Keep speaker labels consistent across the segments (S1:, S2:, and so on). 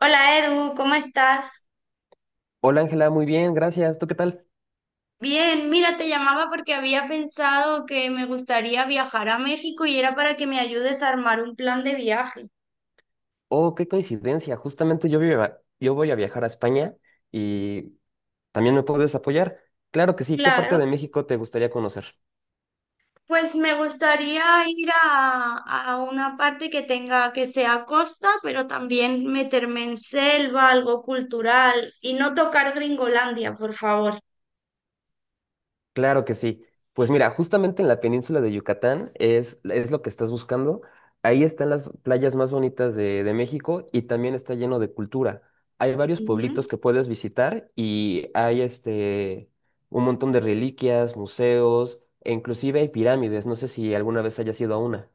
S1: Hola Edu, ¿cómo estás?
S2: Hola Ángela, muy bien, gracias. ¿Tú qué tal?
S1: Bien, mira, te llamaba porque había pensado que me gustaría viajar a México y era para que me ayudes a armar un plan de viaje.
S2: Oh, qué coincidencia. Justamente yo, yo voy a viajar a España y también me puedes apoyar. Claro que sí. ¿Qué parte
S1: Claro,
S2: de México te gustaría conocer?
S1: pues me gustaría ir a una parte que tenga, que sea costa, pero también meterme en selva, algo cultural y no tocar Gringolandia, por favor.
S2: Claro que sí. Pues mira, justamente en la península de Yucatán es lo que estás buscando. Ahí están las playas más bonitas de México y también está lleno de cultura. Hay varios
S1: Ujú.
S2: pueblitos que puedes visitar y hay un montón de reliquias, museos e inclusive hay pirámides. No sé si alguna vez hayas ido a una.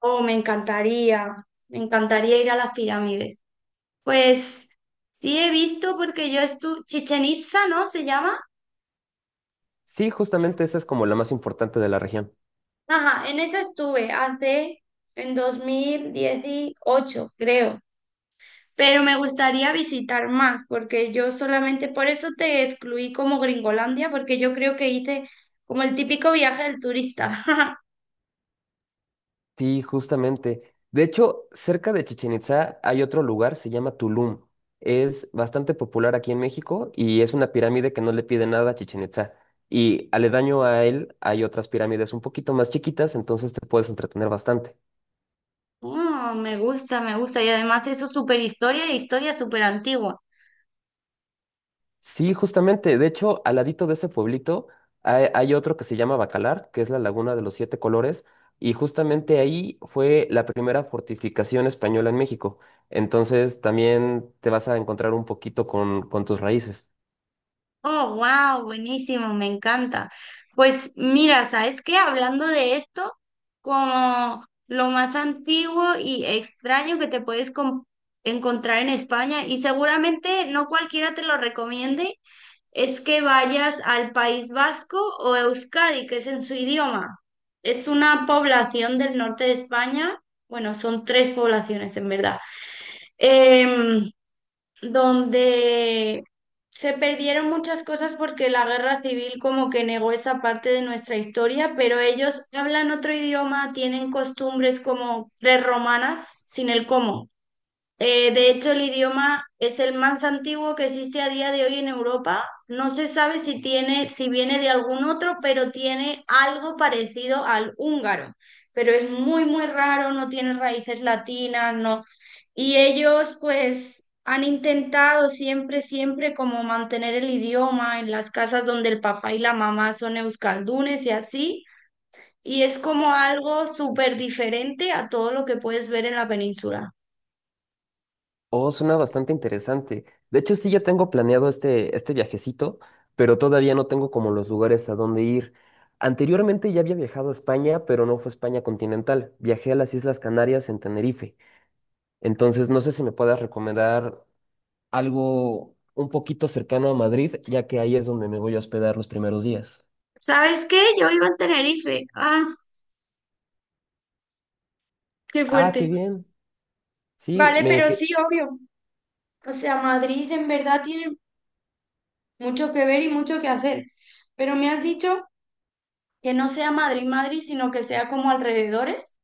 S1: Oh, me encantaría ir a las pirámides. Pues sí he visto porque yo estuve, Chichen Itza, ¿no? Se llama.
S2: Sí, justamente esa es como la más importante de la región.
S1: Ajá, en esa estuve hace en 2018, creo. Pero me gustaría visitar más porque yo solamente, por eso te excluí como Gringolandia, porque yo creo que hice como el típico viaje del turista.
S2: Sí, justamente. De hecho, cerca de Chichén Itzá hay otro lugar, se llama Tulum. Es bastante popular aquí en México y es una pirámide que no le pide nada a Chichén Itzá. Y aledaño a él hay otras pirámides un poquito más chiquitas, entonces te puedes entretener bastante.
S1: Oh, me gusta, me gusta. Y además eso súper historia e historia súper antigua.
S2: Sí, justamente. De hecho, al ladito de ese pueblito hay otro que se llama Bacalar, que es la Laguna de los Siete Colores, y justamente ahí fue la primera fortificación española en México. Entonces también te vas a encontrar un poquito con tus raíces.
S1: Oh, wow, buenísimo, me encanta. Pues mira, ¿sabes qué? Hablando de esto, como lo más antiguo y extraño que te puedes encontrar en España, y seguramente no cualquiera te lo recomiende, es que vayas al País Vasco o Euskadi, que es en su idioma. Es una población del norte de España, bueno, son tres poblaciones en verdad. Em, donde se perdieron muchas cosas porque la guerra civil como que negó esa parte de nuestra historia, pero ellos hablan otro idioma, tienen costumbres como prerromanas, sin el cómo. De hecho, el idioma es el más antiguo que existe a día de hoy en Europa. No se sabe si tiene, si viene de algún otro, pero tiene algo parecido al húngaro. Pero es muy, muy raro, no tiene raíces latinas, no. Y ellos, pues, han intentado siempre, siempre como mantener el idioma en las casas donde el papá y la mamá son euskaldunes y así. Y es como algo súper diferente a todo lo que puedes ver en la península.
S2: Oh, suena bastante interesante. De hecho, sí, ya tengo planeado este viajecito, pero todavía no tengo como los lugares a dónde ir. Anteriormente ya había viajado a España, pero no fue España continental. Viajé a las Islas Canarias en Tenerife. Entonces, no sé si me puedas recomendar algo un poquito cercano a Madrid, ya que ahí es donde me voy a hospedar los primeros días.
S1: ¿Sabes qué? Yo vivo en Tenerife. Ah, qué
S2: Ah, qué
S1: fuerte.
S2: bien. Sí,
S1: Vale,
S2: me
S1: pero sí, obvio. O sea, Madrid en verdad tiene mucho que ver y mucho que hacer. Pero me has dicho que no sea Madrid, Madrid, sino que sea como alrededores.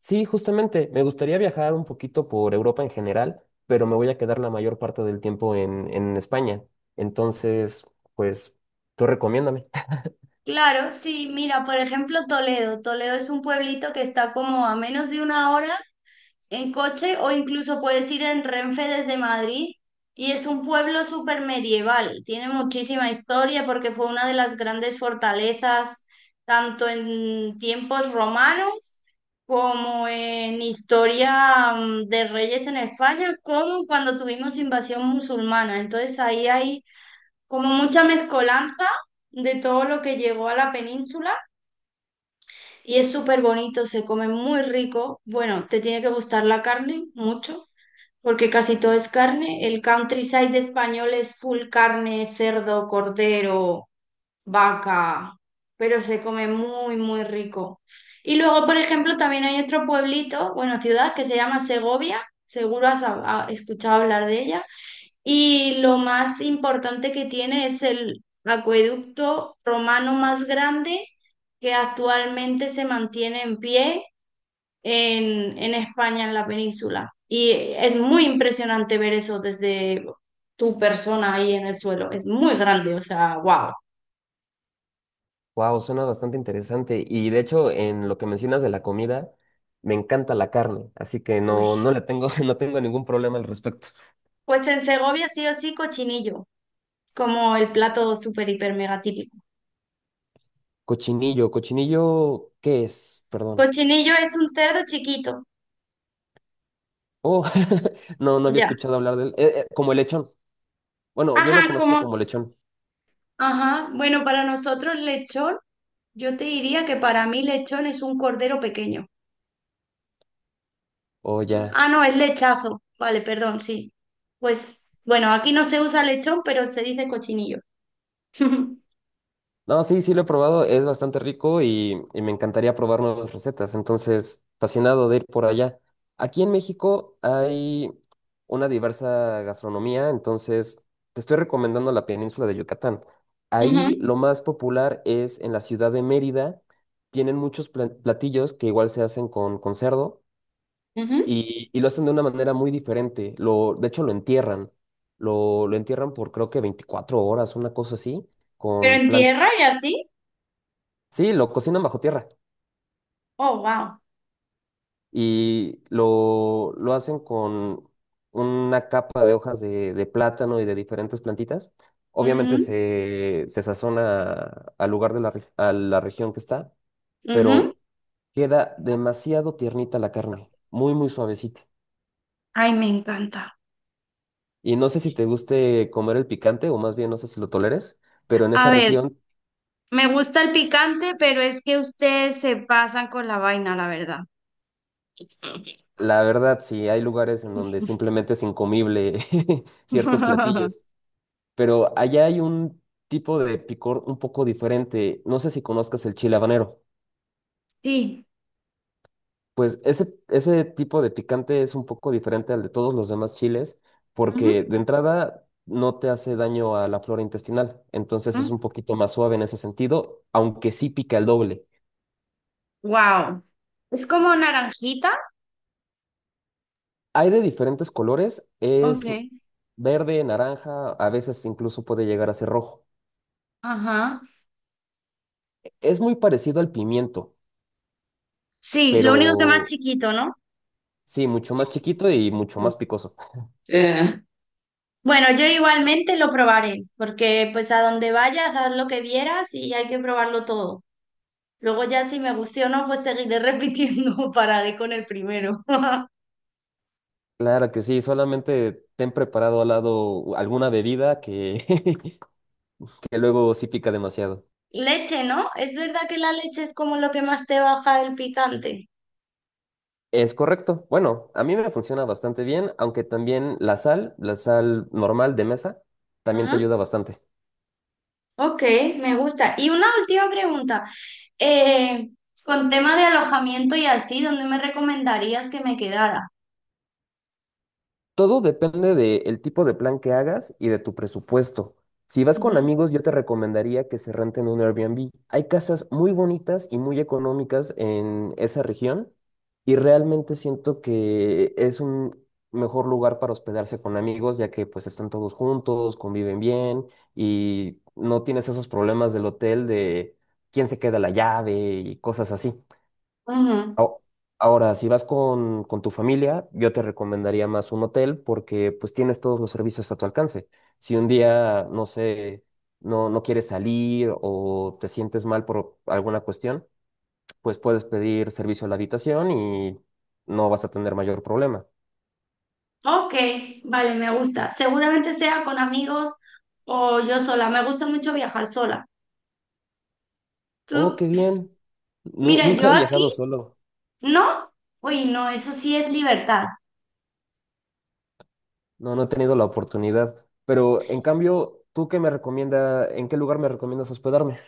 S2: sí, justamente, me gustaría viajar un poquito por Europa en general, pero me voy a quedar la mayor parte del tiempo en España. Entonces, pues, tú recomiéndame.
S1: Claro, sí, mira, por ejemplo, Toledo. Toledo es un pueblito que está como a menos de una hora en coche o incluso puedes ir en Renfe desde Madrid y es un pueblo súper medieval, tiene muchísima historia porque fue una de las grandes fortalezas tanto en tiempos romanos como en historia de reyes en España, como cuando tuvimos invasión musulmana. Entonces ahí hay como mucha mezcolanza de todo lo que llegó a la península y es súper bonito, se come muy rico. Bueno, te tiene que gustar la carne mucho porque casi todo es carne. El countryside español es full carne, cerdo, cordero, vaca, pero se come muy, muy rico. Y luego, por ejemplo, también hay otro pueblito, bueno, ciudad que se llama Segovia. Seguro has escuchado hablar de ella. Y lo más importante que tiene es el acueducto romano más grande que actualmente se mantiene en pie en España, en la península. Y es muy impresionante ver eso desde tu persona ahí en el suelo. Es muy grande, o sea, wow.
S2: Wow, suena bastante interesante. Y de hecho, en lo que mencionas de la comida, me encanta la carne, así que
S1: Uy.
S2: no, no le tengo, no tengo ningún problema al respecto.
S1: Pues en Segovia sí o sí cochinillo, como el plato súper, hiper, mega típico.
S2: Cochinillo, cochinillo, ¿qué es? Perdón.
S1: Cochinillo es un cerdo chiquito,
S2: Oh, no, no había
S1: ya.
S2: escuchado hablar del como el lechón. Bueno, yo lo
S1: Ajá,
S2: conozco
S1: como,
S2: como lechón.
S1: ajá, bueno, para nosotros lechón, yo te diría que para mí lechón es un cordero pequeño.
S2: Oh, ya.
S1: Ah, no, es lechazo. Vale, perdón, sí. Pues bueno, aquí no se usa lechón, pero se dice cochinillo.
S2: No, sí, sí lo he probado, es bastante rico y me encantaría probar nuevas recetas. Entonces, fascinado de ir por allá. Aquí en México hay una diversa gastronomía, entonces te estoy recomendando la península de Yucatán. Ahí
S1: Ujú,
S2: lo más popular es en la ciudad de Mérida. Tienen muchos platillos que igual se hacen con cerdo.
S1: ujú.
S2: Y lo hacen de una manera muy diferente. De hecho, lo entierran. Lo entierran por creo que 24 horas, una cosa así,
S1: Pero
S2: con
S1: en
S2: plan...
S1: tierra y así.
S2: Sí, lo cocinan bajo tierra.
S1: Oh, wow.
S2: Y lo hacen con una capa de hojas de plátano y de diferentes plantitas. Obviamente
S1: Ujú,
S2: se sazona al lugar de la a la región que está,
S1: ujú.
S2: pero queda demasiado tiernita la carne, muy, muy suavecita.
S1: Ay, me encanta.
S2: Y no sé si te guste comer el picante o más bien no sé si lo toleres, pero en
S1: A
S2: esa
S1: ver,
S2: región,
S1: me gusta el picante, pero es que ustedes se pasan con la vaina, la verdad.
S2: la verdad, sí hay lugares en donde simplemente es incomible ciertos platillos, pero allá hay un tipo de picor un poco diferente. No sé si conozcas el chile habanero.
S1: Sí.
S2: Pues ese tipo de picante es un poco diferente al de todos los demás chiles porque de entrada no te hace daño a la flora intestinal, entonces es un poquito más suave en ese sentido, aunque sí pica el doble.
S1: Wow. Es como naranjita.
S2: Hay de diferentes colores,
S1: Ok.
S2: es verde, naranja, a veces incluso puede llegar a ser rojo.
S1: Ajá.
S2: Es muy parecido al pimiento,
S1: Sí, lo
S2: pero
S1: único que más chiquito, ¿no?
S2: sí, mucho más chiquito y mucho
S1: Mm.
S2: más picoso.
S1: Eh. Bueno, yo igualmente lo probaré, porque pues a donde vayas, haz lo que vieras y hay que probarlo todo. Luego ya si me guste o no, pues seguiré repitiendo, pararé con el primero.
S2: Claro que sí, solamente ten preparado al lado alguna bebida que, que luego sí pica demasiado.
S1: Leche, ¿no? ¿Es verdad que la leche es como lo que más te baja el picante?
S2: Es correcto. Bueno, a mí me funciona bastante bien, aunque también la sal normal de mesa, también te
S1: Ajá.
S2: ayuda bastante.
S1: Ok, me gusta. Y una última pregunta. Eh, con tema de alojamiento y así, ¿dónde me recomendarías que me quedara?
S2: Todo depende del tipo de plan que hagas y de tu presupuesto. Si vas con
S1: Ujú,
S2: amigos, yo te recomendaría que se renten un Airbnb. Hay casas muy bonitas y muy económicas en esa región y realmente siento que es un mejor lugar para hospedarse con amigos, ya que pues están todos juntos, conviven bien y no tienes esos problemas del hotel de quién se queda la llave y cosas así.
S1: ujú.
S2: Ao- Ahora, si vas con tu familia, yo te recomendaría más un hotel porque pues tienes todos los servicios a tu alcance. Si un día, no sé, no, no quieres salir o te sientes mal por alguna cuestión, pues puedes pedir servicio a la habitación y no vas a tener mayor problema.
S1: Ok, vale, me gusta. Seguramente sea con amigos o yo sola. Me gusta mucho viajar sola.
S2: Oh, qué
S1: Tú, s-
S2: bien. Nu-
S1: mira, yo
S2: nunca he
S1: aquí,
S2: viajado solo.
S1: ¿no? Uy, no, eso sí es libertad.
S2: No, no he tenido la oportunidad. Pero en cambio, ¿tú qué me recomienda, en qué lugar me recomiendas hospedarme?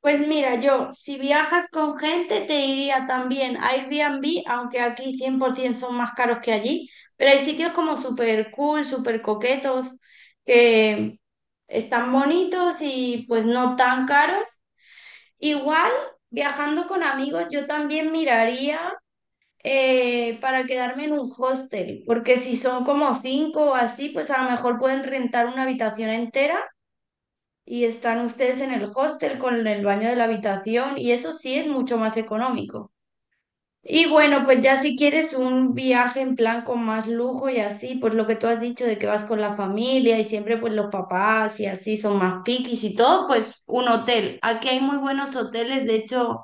S1: Pues mira, yo, si viajas con gente, te diría también a Airbnb, aunque aquí 100% son más caros que allí, pero hay sitios como súper cool, súper coquetos, que están bonitos y pues no tan caros. Igual, viajando con amigos, yo también miraría. Eh, para quedarme en un hostel, porque si son como cinco o así, pues a lo mejor pueden rentar una habitación entera y están ustedes en el hostel con el baño de la habitación y eso sí es mucho más económico. Y bueno, pues ya si quieres un viaje en plan con más lujo y así, pues lo que tú has dicho de que vas con la familia y siempre pues los papás y así son más piquis y todo, pues un hotel. Aquí hay muy buenos hoteles, de hecho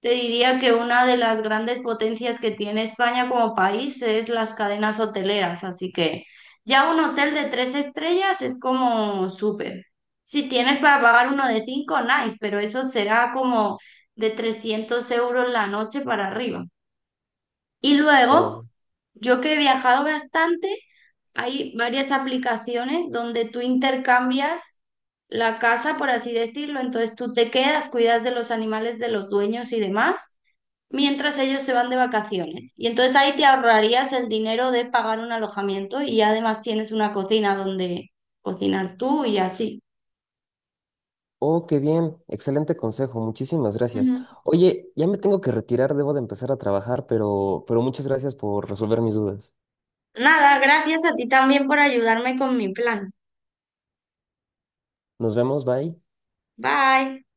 S1: te diría que una de las grandes potencias que tiene España como país es las cadenas hoteleras, así que ya un hotel de tres estrellas es como súper. Si tienes para pagar uno de cinco, nice, pero eso será como de 300 euros la noche para arriba. Y luego, yo que he viajado bastante, hay varias aplicaciones donde tú intercambias la casa, por así decirlo. Entonces tú te quedas, cuidas de los animales de los dueños y demás, mientras ellos se van de vacaciones. Y entonces ahí te ahorrarías el dinero de pagar un alojamiento y además tienes una cocina donde cocinar tú y así.
S2: Oh, qué bien, excelente consejo, muchísimas gracias.
S1: Ujú.
S2: Oye, ya me tengo que retirar, debo de empezar a trabajar, pero muchas gracias por resolver mis dudas.
S1: Nada, gracias a ti también por ayudarme con mi plan.
S2: Nos vemos, bye.
S1: Bye.